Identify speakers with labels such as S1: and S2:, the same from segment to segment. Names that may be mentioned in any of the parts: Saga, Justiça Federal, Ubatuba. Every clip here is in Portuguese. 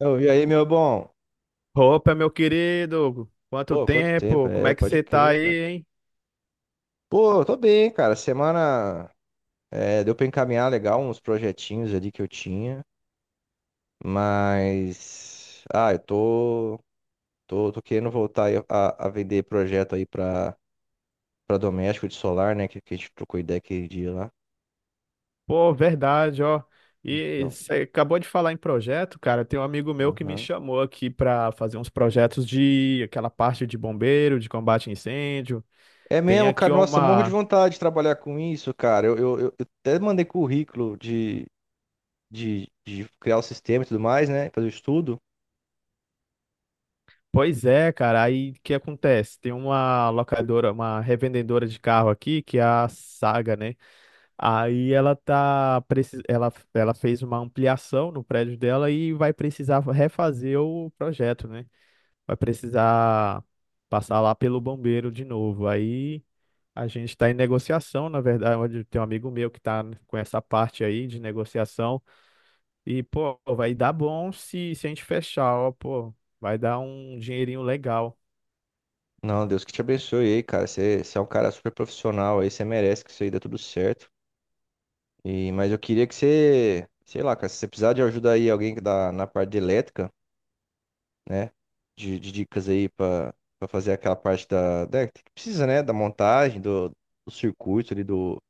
S1: Eu vi aí, meu bom.
S2: Opa, meu querido, quanto
S1: Pô, quanto tempo?
S2: tempo? Como
S1: É,
S2: é que
S1: pode
S2: você tá
S1: crer, cara.
S2: aí, hein?
S1: Pô, eu tô bem, cara. Semana é, deu pra encaminhar legal uns projetinhos ali que eu tinha, mas. Eu tô, tô querendo voltar aí a vender projeto aí pra doméstico de solar, né? Que a gente trocou ideia aquele dia lá.
S2: Pô, verdade, ó. E
S1: Então.
S2: você acabou de falar em projeto, cara. Tem um amigo meu que me
S1: Aham.
S2: chamou aqui pra fazer uns projetos de aquela parte de bombeiro, de combate a incêndio.
S1: É
S2: Tem
S1: mesmo,
S2: aqui
S1: cara. Nossa, morro de
S2: uma.
S1: vontade de trabalhar com isso, cara. Eu até mandei currículo de, de criar o sistema e tudo mais, né? Fazer o estudo.
S2: Pois é, cara. Aí o que acontece? Tem uma locadora, uma revendedora de carro aqui, que é a Saga, né? Aí ela tá, ela, ela fez uma ampliação no prédio dela e vai precisar refazer o projeto, né? Vai precisar passar lá pelo bombeiro de novo. Aí a gente está em negociação, na verdade, tem um amigo meu que tá com essa parte aí de negociação e, pô, vai dar bom se a gente fechar, ó, pô, vai dar um dinheirinho legal.
S1: Não, Deus que te abençoe aí, cara. Você é um cara super profissional aí, você merece que isso aí dê tudo certo. E, mas eu queria que você, sei lá, cara, se você precisar de ajuda aí, alguém que dá na parte de elétrica, né? De dicas aí pra, pra fazer aquela parte da, da- que precisa, né? Da montagem, do, do circuito ali, do,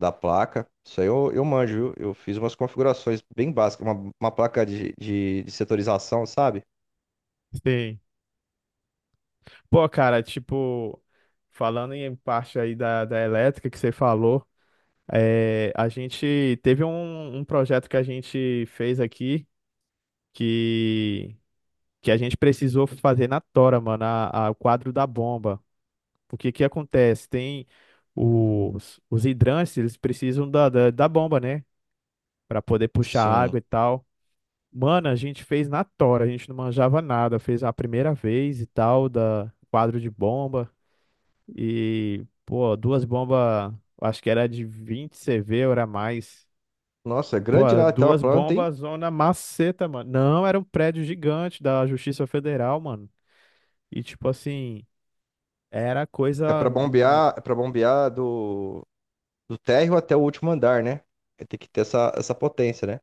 S1: da placa. Isso aí eu manjo, viu? Eu fiz umas configurações bem básicas, uma placa de, de setorização, sabe?
S2: Sim. Pô, cara, tipo, falando em parte aí da elétrica que você falou, é, a gente teve um, um projeto que a gente fez aqui que, que a gente precisou fazer na tora, mano, o quadro da bomba. Porque que acontece? Tem os hidrantes, eles precisam da bomba, né? Pra poder puxar
S1: Sim.
S2: água e tal. Mano, a gente fez na tora, a gente não manjava nada. Fez a primeira vez e tal, da quadro de bomba. E, pô, duas bombas, acho que era de 20 CV, ou era mais.
S1: Nossa, é
S2: Pô,
S1: grande lá até a
S2: duas
S1: planta, hein?
S2: bombas, zona maceta, mano. Não, era um prédio gigante da Justiça Federal, mano. E, tipo assim, era
S1: É
S2: coisa.
S1: pra bombear, é para bombear do. Do térreo até o último andar, né? Tem que ter essa, essa potência, né?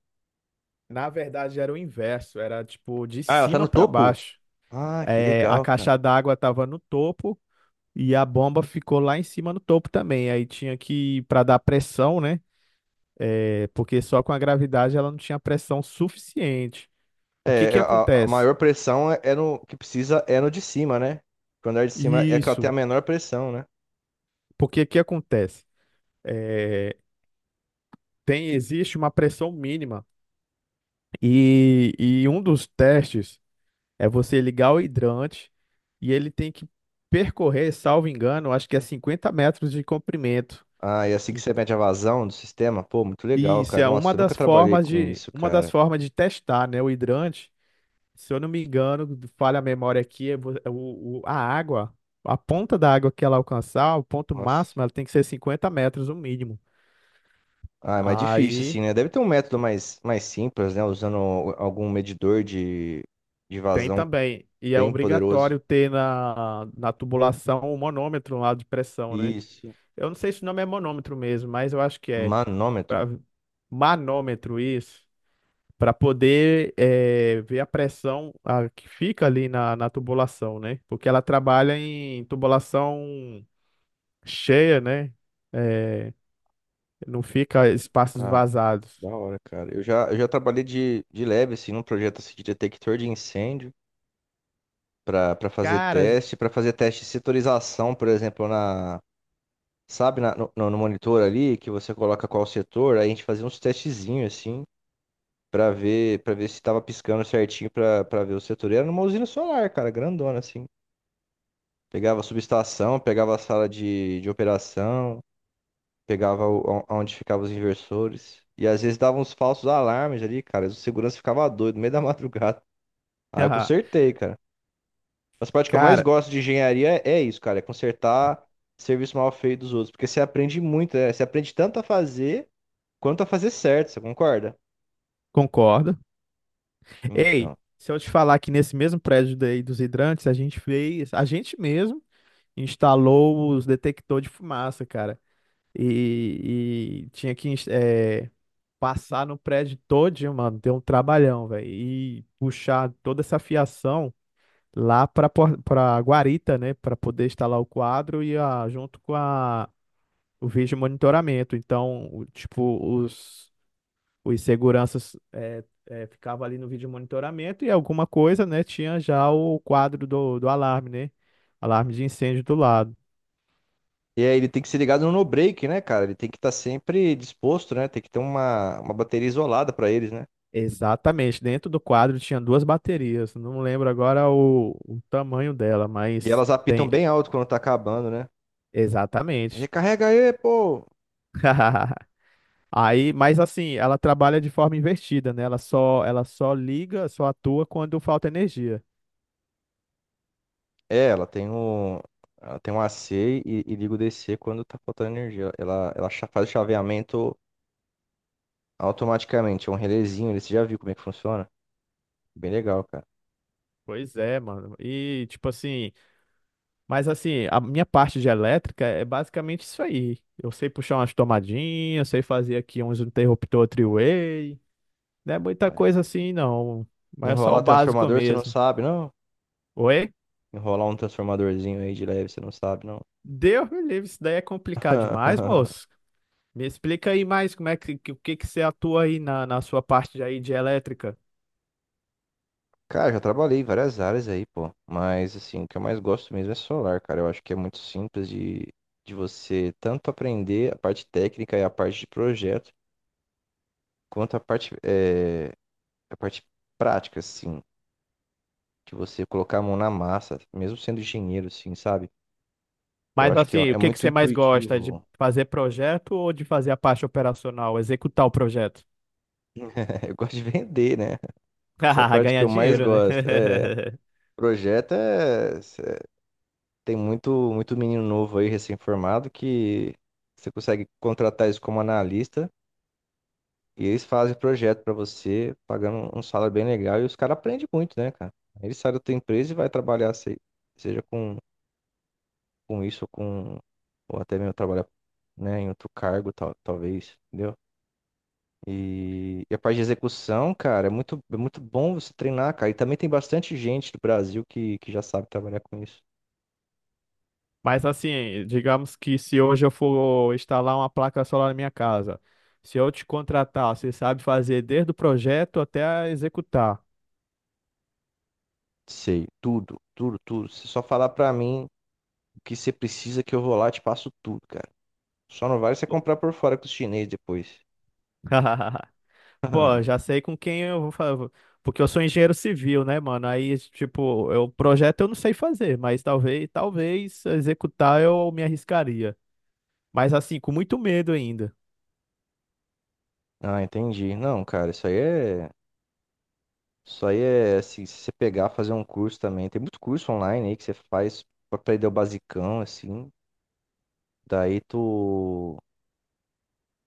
S2: Na verdade, era o inverso. Era, tipo, de
S1: Ah, ela tá
S2: cima
S1: no
S2: pra
S1: topo?
S2: baixo.
S1: Ah, que
S2: É, a
S1: legal, cara.
S2: caixa d'água tava no topo e a bomba ficou lá em cima no topo também. Aí tinha que, pra dar pressão, né? É, porque só com a gravidade ela não tinha pressão suficiente. O que
S1: É, é,
S2: que
S1: a
S2: acontece?
S1: maior pressão é, é no que precisa é no de cima, né? Porque o andar de cima é que ela tem
S2: Isso.
S1: a menor pressão, né?
S2: Porque que acontece? É, Tem, existe uma pressão mínima. E um dos testes é você ligar o hidrante e ele tem que percorrer, salvo engano, acho que é 50 metros de comprimento.
S1: Ah, e assim que
S2: Ent-
S1: você mede a vazão do sistema, pô, muito
S2: E
S1: legal,
S2: isso
S1: cara.
S2: é uma
S1: Nossa, eu nunca
S2: das
S1: trabalhei
S2: formas
S1: com
S2: de,
S1: isso,
S2: uma das
S1: cara.
S2: formas de testar, né? O hidrante, se eu não me engano, falha a memória aqui, é a água, a ponta da água que ela alcançar, o ponto
S1: Nossa.
S2: máximo, ela tem que ser 50 metros, o mínimo.
S1: Ah, é mais difícil, assim,
S2: Aí.
S1: né? Deve ter um método mais, mais simples, né? Usando algum medidor de
S2: Tem
S1: vazão
S2: também. E é
S1: bem poderoso.
S2: obrigatório ter na tubulação o manômetro lá de pressão, né?
S1: Isso.
S2: Eu não sei se o nome é manômetro mesmo, mas eu acho que é.
S1: Manômetro.
S2: Pra- manômetro, isso. Para poder ver a pressão que fica ali na tubulação, né? Porque ela trabalha em tubulação cheia, né? Eh, não fica espaços
S1: Ah,
S2: vazados.
S1: da hora, cara. Eu já trabalhei de leve, assim, num projeto assim, de detector de incêndio para
S2: Cara,
S1: para fazer teste de setorização, por exemplo, na, sabe, na- no, no monitor ali, que você coloca qual setor, aí a gente fazia uns testezinhos, assim, para ver se tava piscando certinho para para ver o setor. E era numa usina solar, cara, grandona, assim. Pegava a subestação, pegava a sala de operação, pegava o, onde ficavam os inversores. E às vezes dava uns falsos alarmes ali, cara. O segurança ficava doido no meio da madrugada. Aí eu consertei, cara. As partes que eu mais
S2: cara,
S1: gosto de engenharia é isso, cara, é consertar serviço mal feito dos outros, porque você aprende muito, né? Você aprende tanto a fazer quanto a fazer certo, você concorda?
S2: concordo. Ei,
S1: Então.
S2: se eu te falar que nesse mesmo prédio daí dos hidrantes, a gente fez, a gente mesmo instalou os detectores de fumaça, cara. E tinha que passar no prédio todinho, mano. Deu um trabalhão, velho. E puxar toda essa fiação lá pra, pra guarita, né? Pra poder instalar o quadro e a, junto com a, o vídeo monitoramento. Então, tipo, os seguranças é, ficavam ali no vídeo monitoramento e alguma coisa, né, tinha já o quadro do alarme, né? Alarme de incêndio do lado.
S1: E aí ele tem que ser ligado no no break, né, cara? Ele tem que estar sempre disposto, né? Tem que ter uma bateria isolada pra eles, né?
S2: Exatamente, dentro do quadro tinha duas baterias, não lembro agora o tamanho dela,
S1: E
S2: mas
S1: elas apitam
S2: tem.
S1: bem alto quando tá acabando, né?
S2: Exatamente.
S1: Recarrega aí, pô!
S2: Aí, mas assim, ela trabalha de forma invertida, né? Ela só liga, só atua quando falta energia.
S1: É, ela tem um, ela tem um AC e liga o DC quando tá faltando energia. Ela cha- faz o chaveamento automaticamente. É um relézinho, ele- você já viu como é que funciona? Bem legal, cara.
S2: Pois é, mano. E tipo assim, mas assim, a minha parte de elétrica é basicamente isso aí. Eu sei puxar umas tomadinhas, sei fazer aqui uns interruptor three-way. Não é muita
S1: É.
S2: coisa assim, não. Mas é só o
S1: Enrolar
S2: básico
S1: transformador, você não
S2: mesmo.
S1: sabe, não?
S2: Oi?
S1: Enrolar um transformadorzinho aí de leve, você não sabe, não?
S2: Deus me livre, isso daí é complicado demais, moço. Me explica aí mais como é que, o que que você atua aí na sua parte aí de elétrica.
S1: Cara, já trabalhei em várias áreas aí, pô. Mas, assim, o que eu mais gosto mesmo é solar, cara. Eu acho que é muito simples de você tanto aprender a parte técnica e a parte de projeto, quanto a parte, a parte prática, assim. De você colocar a mão na massa, mesmo sendo engenheiro, assim, sabe? Eu
S2: Mas
S1: acho que
S2: assim, o
S1: é
S2: que que
S1: muito
S2: você mais gosta? De
S1: intuitivo.
S2: fazer projeto ou de fazer a parte operacional, executar o projeto?
S1: Eu gosto de vender, né? Essa é a parte que
S2: Ganhar
S1: eu mais
S2: dinheiro, né?
S1: gosto. É, projeto é. Cê- Tem muito, muito menino novo aí, recém-formado, que você consegue contratar eles como analista e eles fazem projeto pra você, pagando um salário bem legal. E os caras aprendem muito, né, cara? Aí ele sai da tua empresa e vai trabalhar, se- seja com isso ou com. Ou até mesmo trabalhar, né, em outro cargo, tal, talvez. Entendeu? E a parte de execução, cara, é muito bom você treinar, cara. E também tem bastante gente do Brasil que já sabe trabalhar com isso.
S2: Mas assim, digamos que se hoje eu for instalar uma placa solar na minha casa, se eu te contratar, você sabe fazer desde o projeto até executar.
S1: Sei, tudo, tudo, tudo. Se só falar pra mim o que você precisa que eu vou lá, e te passo tudo, cara. Só não vale você
S2: Pô,
S1: comprar por fora com os chineses depois.
S2: pô, já sei com quem eu vou fazer. Porque eu sou engenheiro civil, né, mano? Aí, tipo, eu projeto eu não sei fazer, mas talvez, talvez executar eu me arriscaria. Mas assim, com muito medo ainda.
S1: Ah, entendi. Não, cara, isso aí é. Isso aí é assim, se você pegar, fazer um curso também. Tem muito curso online aí que você faz pra aprender o basicão, assim. Daí tu.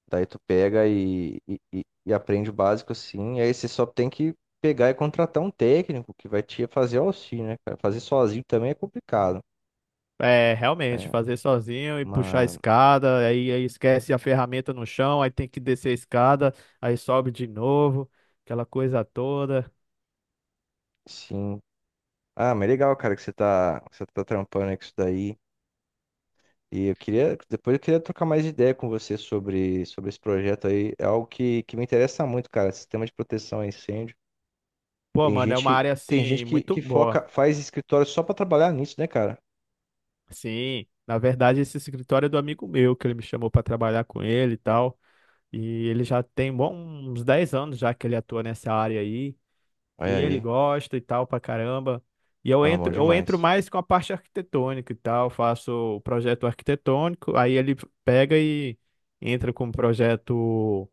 S1: Daí tu pega e aprende o básico assim, e aí você só tem que pegar e contratar um técnico que vai te fazer o auxílio, né, cara? Fazer sozinho também é complicado,
S2: É, realmente,
S1: né?
S2: fazer sozinho e puxar a
S1: Mas,
S2: escada, aí, aí esquece a ferramenta no chão, aí tem que descer a escada, aí sobe de novo, aquela coisa toda.
S1: sim. Ah, mas legal, cara, que você tá trampando aí com isso daí. Depois eu queria trocar mais ideia com você sobre, sobre esse projeto aí. É algo que me interessa muito, cara, sistema de proteção a incêndio.
S2: Pô,
S1: Tem
S2: mano, é uma
S1: gente,
S2: área
S1: tem gente
S2: assim muito
S1: que
S2: boa.
S1: foca, faz escritório só pra trabalhar nisso, né, cara?
S2: Sim, na verdade, esse escritório é do amigo meu, que ele me chamou pra trabalhar com ele e tal. E ele já tem bom, uns 10 anos já que ele atua nessa área aí. E
S1: Olha
S2: ele
S1: aí.
S2: gosta e tal pra caramba. E
S1: Ah, bom
S2: eu entro
S1: demais.
S2: mais com a parte arquitetônica e tal, faço o projeto arquitetônico, aí ele pega e entra com o projeto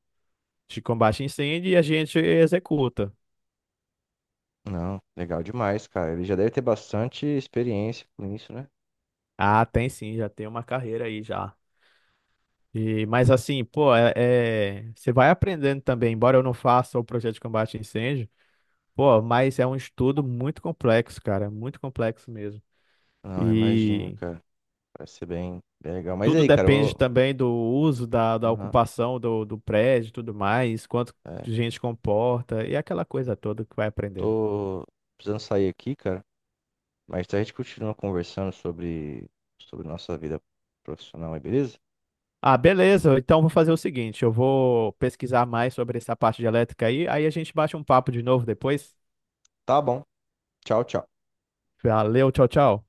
S2: de combate a incêndio e a gente executa.
S1: Não, legal demais, cara. Ele já deve ter bastante experiência com isso, né?
S2: Ah, tem sim, já tem uma carreira aí já. E, mas assim, pô, você vai aprendendo também, embora eu não faça o projeto de combate a incêndio, pô, mas é um estudo muito complexo, cara, muito complexo mesmo.
S1: Não, eu imagino,
S2: E
S1: cara. Vai ser bem, bem legal. Mas
S2: tudo
S1: aí, cara, eu
S2: depende
S1: vou.
S2: também do uso, da
S1: Aham,
S2: ocupação do prédio e tudo mais, quanto
S1: é.
S2: gente comporta e aquela coisa toda que vai aprendendo.
S1: Tô precisando sair aqui, cara. Mas a gente continua conversando sobre, sobre nossa vida profissional aí, beleza?
S2: Ah, beleza. Então vou fazer o seguinte, eu vou pesquisar mais sobre essa parte de elétrica aí, aí a gente bate um papo de novo depois.
S1: Tá bom. Tchau, tchau.
S2: Valeu, tchau, tchau.